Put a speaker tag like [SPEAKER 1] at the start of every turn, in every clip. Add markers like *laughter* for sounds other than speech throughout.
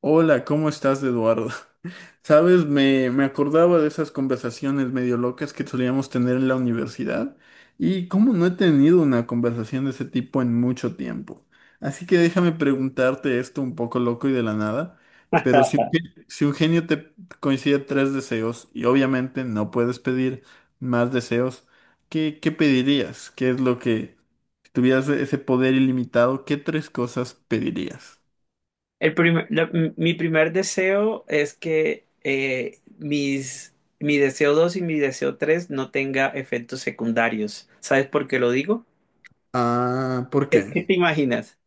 [SPEAKER 1] Hola, ¿cómo estás, Eduardo? *laughs* Sabes, me acordaba de esas conversaciones medio locas que solíamos tener en la universidad y cómo no he tenido una conversación de ese tipo en mucho tiempo. Así que déjame preguntarte esto un poco loco y de la nada, pero si un genio te coincide tres deseos y obviamente no puedes pedir más deseos, ¿Qué pedirías? ¿Qué es lo que, si tuvieras ese poder ilimitado, qué tres cosas pedirías?
[SPEAKER 2] El primer- la- mi primer deseo es que mi deseo 2 y mi deseo 3 no tenga efectos secundarios. ¿Sabes por qué lo digo?
[SPEAKER 1] Ah, ¿por
[SPEAKER 2] ¿Qué,
[SPEAKER 1] qué?
[SPEAKER 2] qué te imaginas?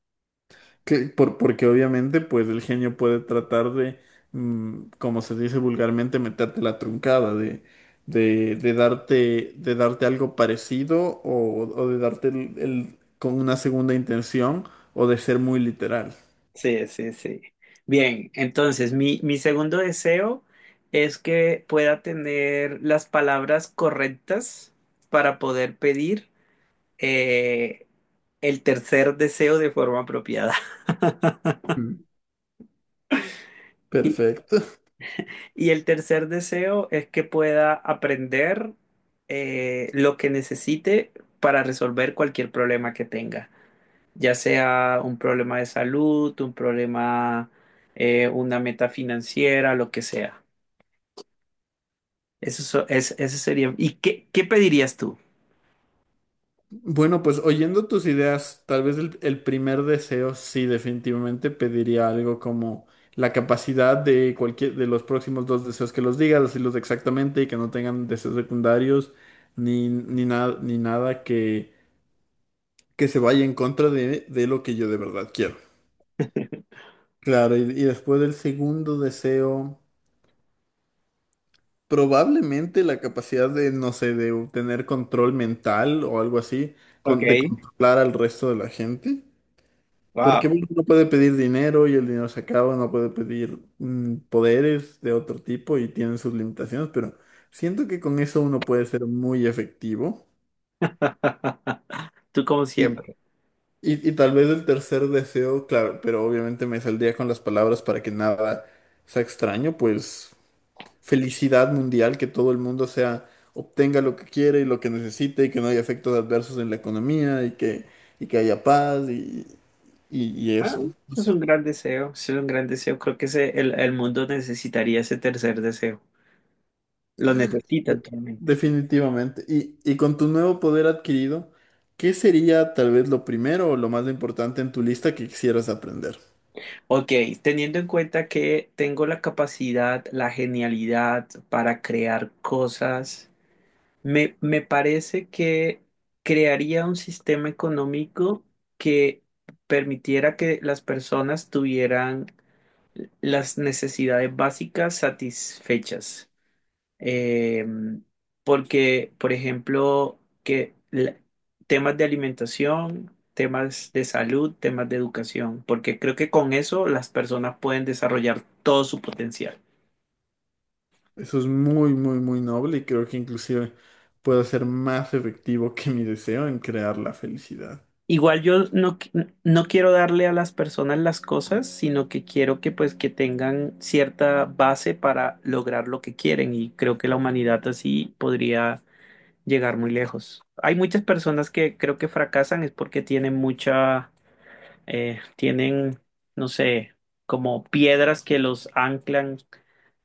[SPEAKER 1] Que, porque obviamente, pues el genio puede tratar de, como se dice vulgarmente, meterte la truncada, de darte algo parecido o de darte con una segunda intención o de ser muy literal.
[SPEAKER 2] Sí, sí, sí. Bien, entonces mi segundo deseo es que pueda tener las palabras correctas para poder pedir eh, el tercer deseo de forma apropiada.
[SPEAKER 1] Mm.
[SPEAKER 2] *laughs*
[SPEAKER 1] Perfecto.
[SPEAKER 2] Y el tercer deseo es que pueda aprender lo que necesite para resolver cualquier problema que tenga, ya sea un problema de salud, un problema, una meta financiera, lo que sea. Ese sería. ¿Y qué, qué pedirías tú? *laughs*
[SPEAKER 1] Bueno, pues oyendo tus ideas, tal vez el primer deseo, sí, definitivamente pediría algo como la capacidad de cualquier de los próximos dos deseos que los diga, decirlos exactamente y que no tengan deseos secundarios ni nada que se vaya en contra de lo que yo de verdad quiero. Claro, y después del segundo deseo, probablemente la capacidad de, no sé, de tener control mental o algo así,
[SPEAKER 2] Ok,
[SPEAKER 1] de controlar al resto de la gente. Porque
[SPEAKER 2] wow.
[SPEAKER 1] uno no puede pedir dinero y el dinero se acaba, no puede pedir poderes de otro tipo y tienen sus limitaciones, pero siento que con eso uno puede ser muy efectivo.
[SPEAKER 2] Tú como
[SPEAKER 1] Y,
[SPEAKER 2] siempre.
[SPEAKER 1] y tal vez el tercer deseo, claro, pero obviamente me saldría con las palabras para que nada sea extraño, pues felicidad mundial, que todo el mundo sea, obtenga lo que quiere y lo que necesite y que no haya efectos adversos en la economía y que haya paz y
[SPEAKER 2] Ah,
[SPEAKER 1] eso. No
[SPEAKER 2] es
[SPEAKER 1] sé.
[SPEAKER 2] un gran deseo, es un gran deseo. Creo que el mundo necesitaría ese tercer deseo. Lo necesita actualmente.
[SPEAKER 1] Definitivamente. Y con tu nuevo poder adquirido, ¿qué sería tal vez lo primero o lo más importante en tu lista que quisieras aprender?
[SPEAKER 2] Ok, teniendo en cuenta que tengo la capacidad, la genialidad para crear cosas, me parece que crearía un sistema económico que permitiera que las personas tuvieran las necesidades básicas satisfechas. Eh, Porque, por ejemplo, temas de alimentación, temas de salud, temas de educación, porque creo que con eso las personas pueden desarrollar todo su potencial.
[SPEAKER 1] Eso es muy, muy, muy noble y creo que inclusive puedo ser más efectivo que mi deseo en crear la felicidad.
[SPEAKER 2] Igual yo no, no quiero darle a las personas las cosas, sino que quiero que pues que tengan cierta base para lograr lo que quieren y creo que la humanidad así podría llegar muy lejos. Hay muchas personas que creo que fracasan es porque tienen mucha eh, tienen, no sé, como piedras que los anclan,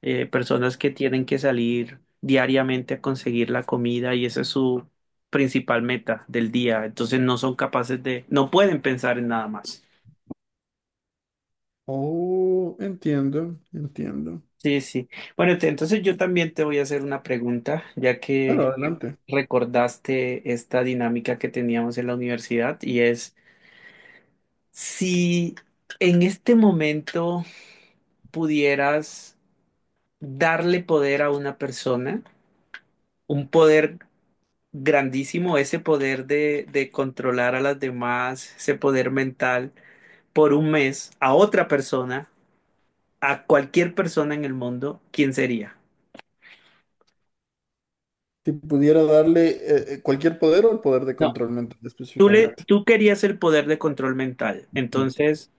[SPEAKER 2] personas que tienen que salir diariamente a conseguir la comida y esa es su principal meta del día. Entonces no son capaces de, no pueden pensar en nada más.
[SPEAKER 1] Oh, entiendo, entiendo.
[SPEAKER 2] Sí, sí. Bueno, entonces yo también te voy a hacer una pregunta, ya
[SPEAKER 1] Claro,
[SPEAKER 2] que
[SPEAKER 1] adelante.
[SPEAKER 2] recordaste esta dinámica que teníamos en la universidad y es si en este momento pudieras darle poder a una persona, un poder grandísimo, ese poder de controlar a las demás, ese poder mental, por un mes a otra persona, a cualquier persona en el mundo, ¿quién sería?
[SPEAKER 1] Si pudiera darle cualquier poder o el poder de
[SPEAKER 2] No,
[SPEAKER 1] control mental específicamente.
[SPEAKER 2] tú querías el poder de control mental, entonces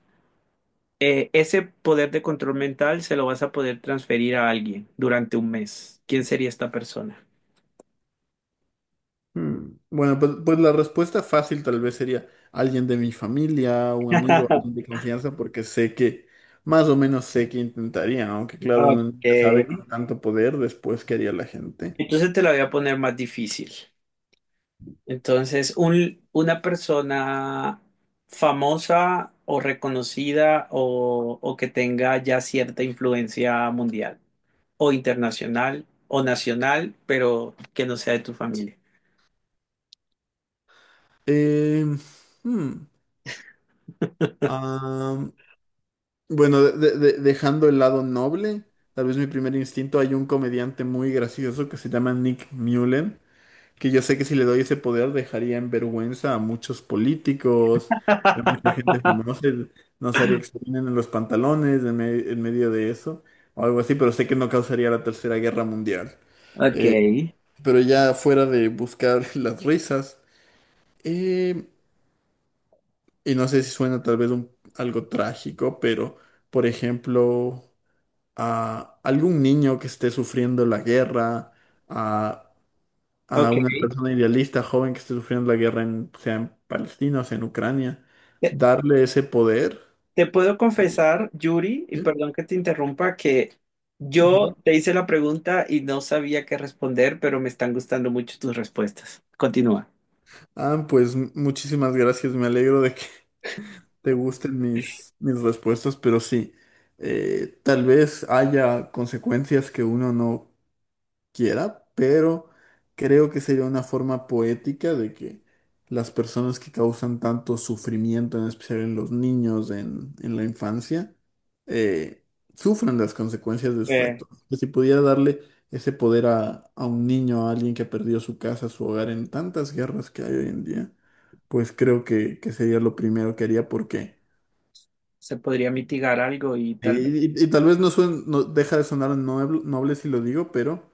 [SPEAKER 2] ese poder de control mental se lo vas a poder transferir a alguien durante un mes. ¿Quién sería esta persona?
[SPEAKER 1] Mm, bueno, pues la respuesta fácil tal vez sería alguien de mi familia, un amigo, alguien de
[SPEAKER 2] *laughs*
[SPEAKER 1] confianza, porque sé que, más o menos sé que intentaría, aunque claro, uno
[SPEAKER 2] Ok.
[SPEAKER 1] nunca sabe con tanto poder después qué haría la gente.
[SPEAKER 2] Entonces te la voy a poner más difícil. Entonces, una persona famosa o reconocida o que tenga ya cierta influencia mundial o internacional o nacional, pero que no sea de tu familia.
[SPEAKER 1] Eh, hmm, ah, bueno, dejando el lado noble, tal vez mi primer instinto, hay un comediante muy gracioso que se llama Nick Mullen. Que yo sé que si le doy ese poder dejaría en vergüenza a muchos políticos, a mucha
[SPEAKER 2] *laughs*
[SPEAKER 1] gente famosa, nos haría que se orinen en los pantalones en medio de eso, o algo así, pero sé que no causaría la Tercera Guerra Mundial.
[SPEAKER 2] Ok.
[SPEAKER 1] Eh, pero ya fuera de buscar *laughs* las risas, eh, y no sé si suena tal vez algo trágico, pero por ejemplo, a algún niño que esté sufriendo la guerra, a
[SPEAKER 2] Ok.
[SPEAKER 1] una persona idealista, joven que esté sufriendo la guerra, sea en Palestina o sea en Ucrania,
[SPEAKER 2] Te,
[SPEAKER 1] darle ese poder.
[SPEAKER 2] te puedo confesar, Yuri, y
[SPEAKER 1] Sí.
[SPEAKER 2] perdón que te interrumpa, que yo
[SPEAKER 1] Ujú.
[SPEAKER 2] te hice la pregunta y no sabía qué responder, pero me están gustando mucho tus respuestas. Continúa.
[SPEAKER 1] Ah, pues muchísimas gracias, me alegro de que *laughs* te gusten mis respuestas, pero sí, tal vez haya consecuencias que uno no quiera, pero creo que sería una forma poética de que las personas que causan tanto sufrimiento, en especial en los niños, en la infancia, eh, sufran las consecuencias de sus
[SPEAKER 2] Eh,
[SPEAKER 1] actos. Que si pudiera darle ese poder a un niño, a alguien que ha perdido su casa, su hogar en tantas guerras que hay hoy en día, pues creo que sería lo primero que haría porque...
[SPEAKER 2] se podría mitigar algo y
[SPEAKER 1] Y,
[SPEAKER 2] tal vez.
[SPEAKER 1] y- y tal vez no, deja de sonar noble, noble si lo digo, pero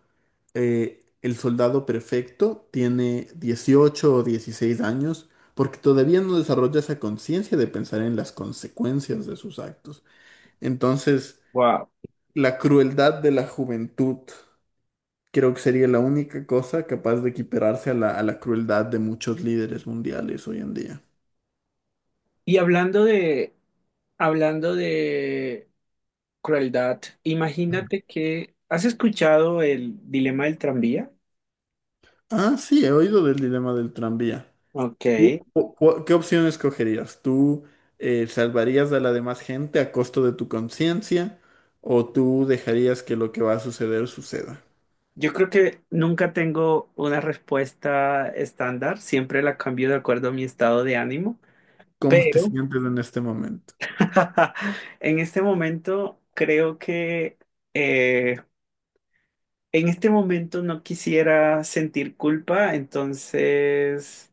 [SPEAKER 1] el soldado perfecto tiene 18 o 16 años porque todavía no desarrolla esa conciencia de pensar en las consecuencias de sus actos. Entonces,
[SPEAKER 2] Wow.
[SPEAKER 1] la crueldad de la juventud creo que sería la única cosa capaz de equipararse a la crueldad de muchos líderes mundiales hoy en día.
[SPEAKER 2] Y hablando de crueldad, imagínate que, ¿has escuchado el dilema del tranvía?
[SPEAKER 1] Ah, sí, he oído del dilema del tranvía.
[SPEAKER 2] Ok,
[SPEAKER 1] ¿Qué opción escogerías? ¿Tú salvarías a la demás gente a costo de tu conciencia o tú dejarías que lo que va a suceder suceda?
[SPEAKER 2] yo creo que nunca tengo una respuesta estándar, siempre la cambio de acuerdo a mi estado de ánimo,
[SPEAKER 1] ¿Cómo te
[SPEAKER 2] pero
[SPEAKER 1] sientes en este momento?
[SPEAKER 2] *laughs* en este momento creo que eh, en este momento no quisiera sentir culpa, entonces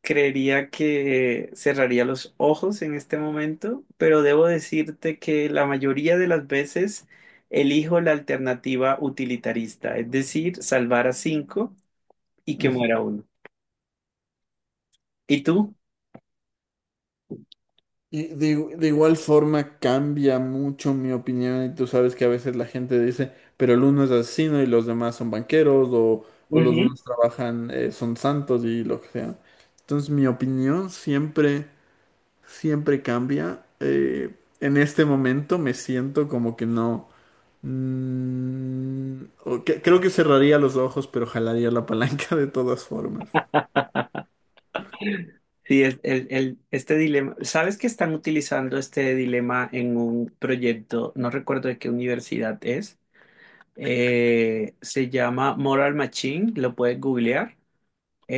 [SPEAKER 2] creería que cerraría los ojos en este momento, pero debo decirte que la mayoría de las veces elijo la alternativa utilitarista, es decir, salvar a 5 y que
[SPEAKER 1] Ujú.
[SPEAKER 2] muera 1. ¿Y tú?
[SPEAKER 1] Y de, de igual forma cambia mucho mi opinión y tú sabes que a veces la gente dice, pero el uno es asesino y los demás son banqueros o los
[SPEAKER 2] Ujú.
[SPEAKER 1] unos trabajan, son santos y lo que sea. Entonces mi opinión siempre... siempre cambia. En este momento me siento como que no. Creo que cerraría los ojos, pero jalaría la palanca de todas formas.
[SPEAKER 2] Sí, este dilema, ¿sabes que están utilizando este dilema en un proyecto? No recuerdo de qué universidad es. Se llama Moral Machine, lo puedes googlear.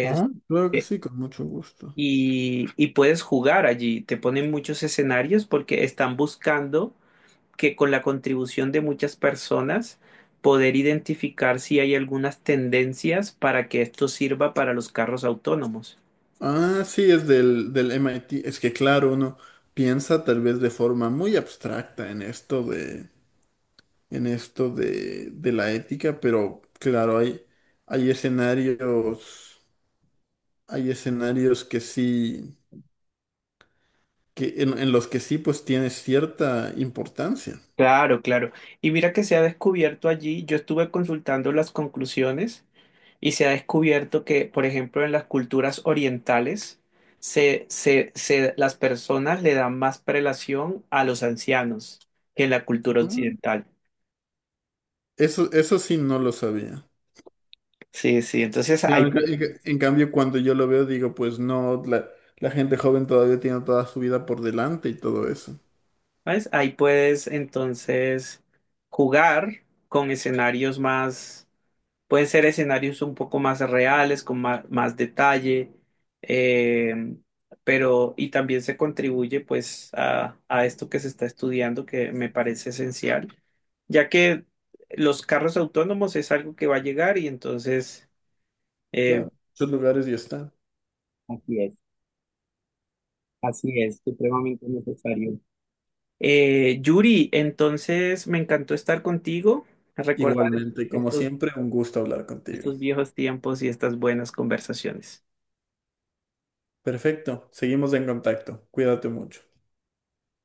[SPEAKER 1] Ah, claro que sí, con mucho gusto.
[SPEAKER 2] Y, y puedes jugar allí. Te ponen muchos escenarios porque están buscando que con la contribución de muchas personas poder identificar si hay algunas tendencias para que esto sirva para los carros autónomos.
[SPEAKER 1] Ah, sí, es del MIT. Es que claro, uno piensa tal vez de forma muy abstracta en esto de, en esto de la ética, pero claro, hay escenarios, hay escenarios, que sí. Que en los que sí pues tiene cierta importancia.
[SPEAKER 2] Claro, claro. Y mira que se ha descubierto allí, yo estuve consultando las conclusiones y se ha descubierto que, por ejemplo, en las culturas orientales, se, las personas le dan más prelación a los ancianos que en la cultura
[SPEAKER 1] Mm.
[SPEAKER 2] occidental.
[SPEAKER 1] Eso sí no lo sabía.
[SPEAKER 2] Sí, sí, entonces ahí,
[SPEAKER 1] Claro, en, ca- en
[SPEAKER 2] pu-
[SPEAKER 1] ca- en cambio cuando yo lo veo digo, pues no, la gente joven todavía tiene toda su vida por delante y todo eso.
[SPEAKER 2] ¿ves? Ahí puedes entonces jugar con escenarios más, pueden ser escenarios un poco más reales, más, detalle, eh, pero y también se contribuye pues a esto que se está estudiando que me parece esencial, ya que los carros autónomos es algo que va a llegar y entonces... eh,
[SPEAKER 1] Claro, esos lugares ya están.
[SPEAKER 2] así es, así es, supremamente necesario. Yuri, entonces me encantó estar contigo, recordar
[SPEAKER 1] Igualmente, como
[SPEAKER 2] estos,
[SPEAKER 1] siempre, un gusto hablar contigo.
[SPEAKER 2] estos viejos tiempos y estas buenas conversaciones.
[SPEAKER 1] Perfecto, seguimos en contacto. Cuídate mucho.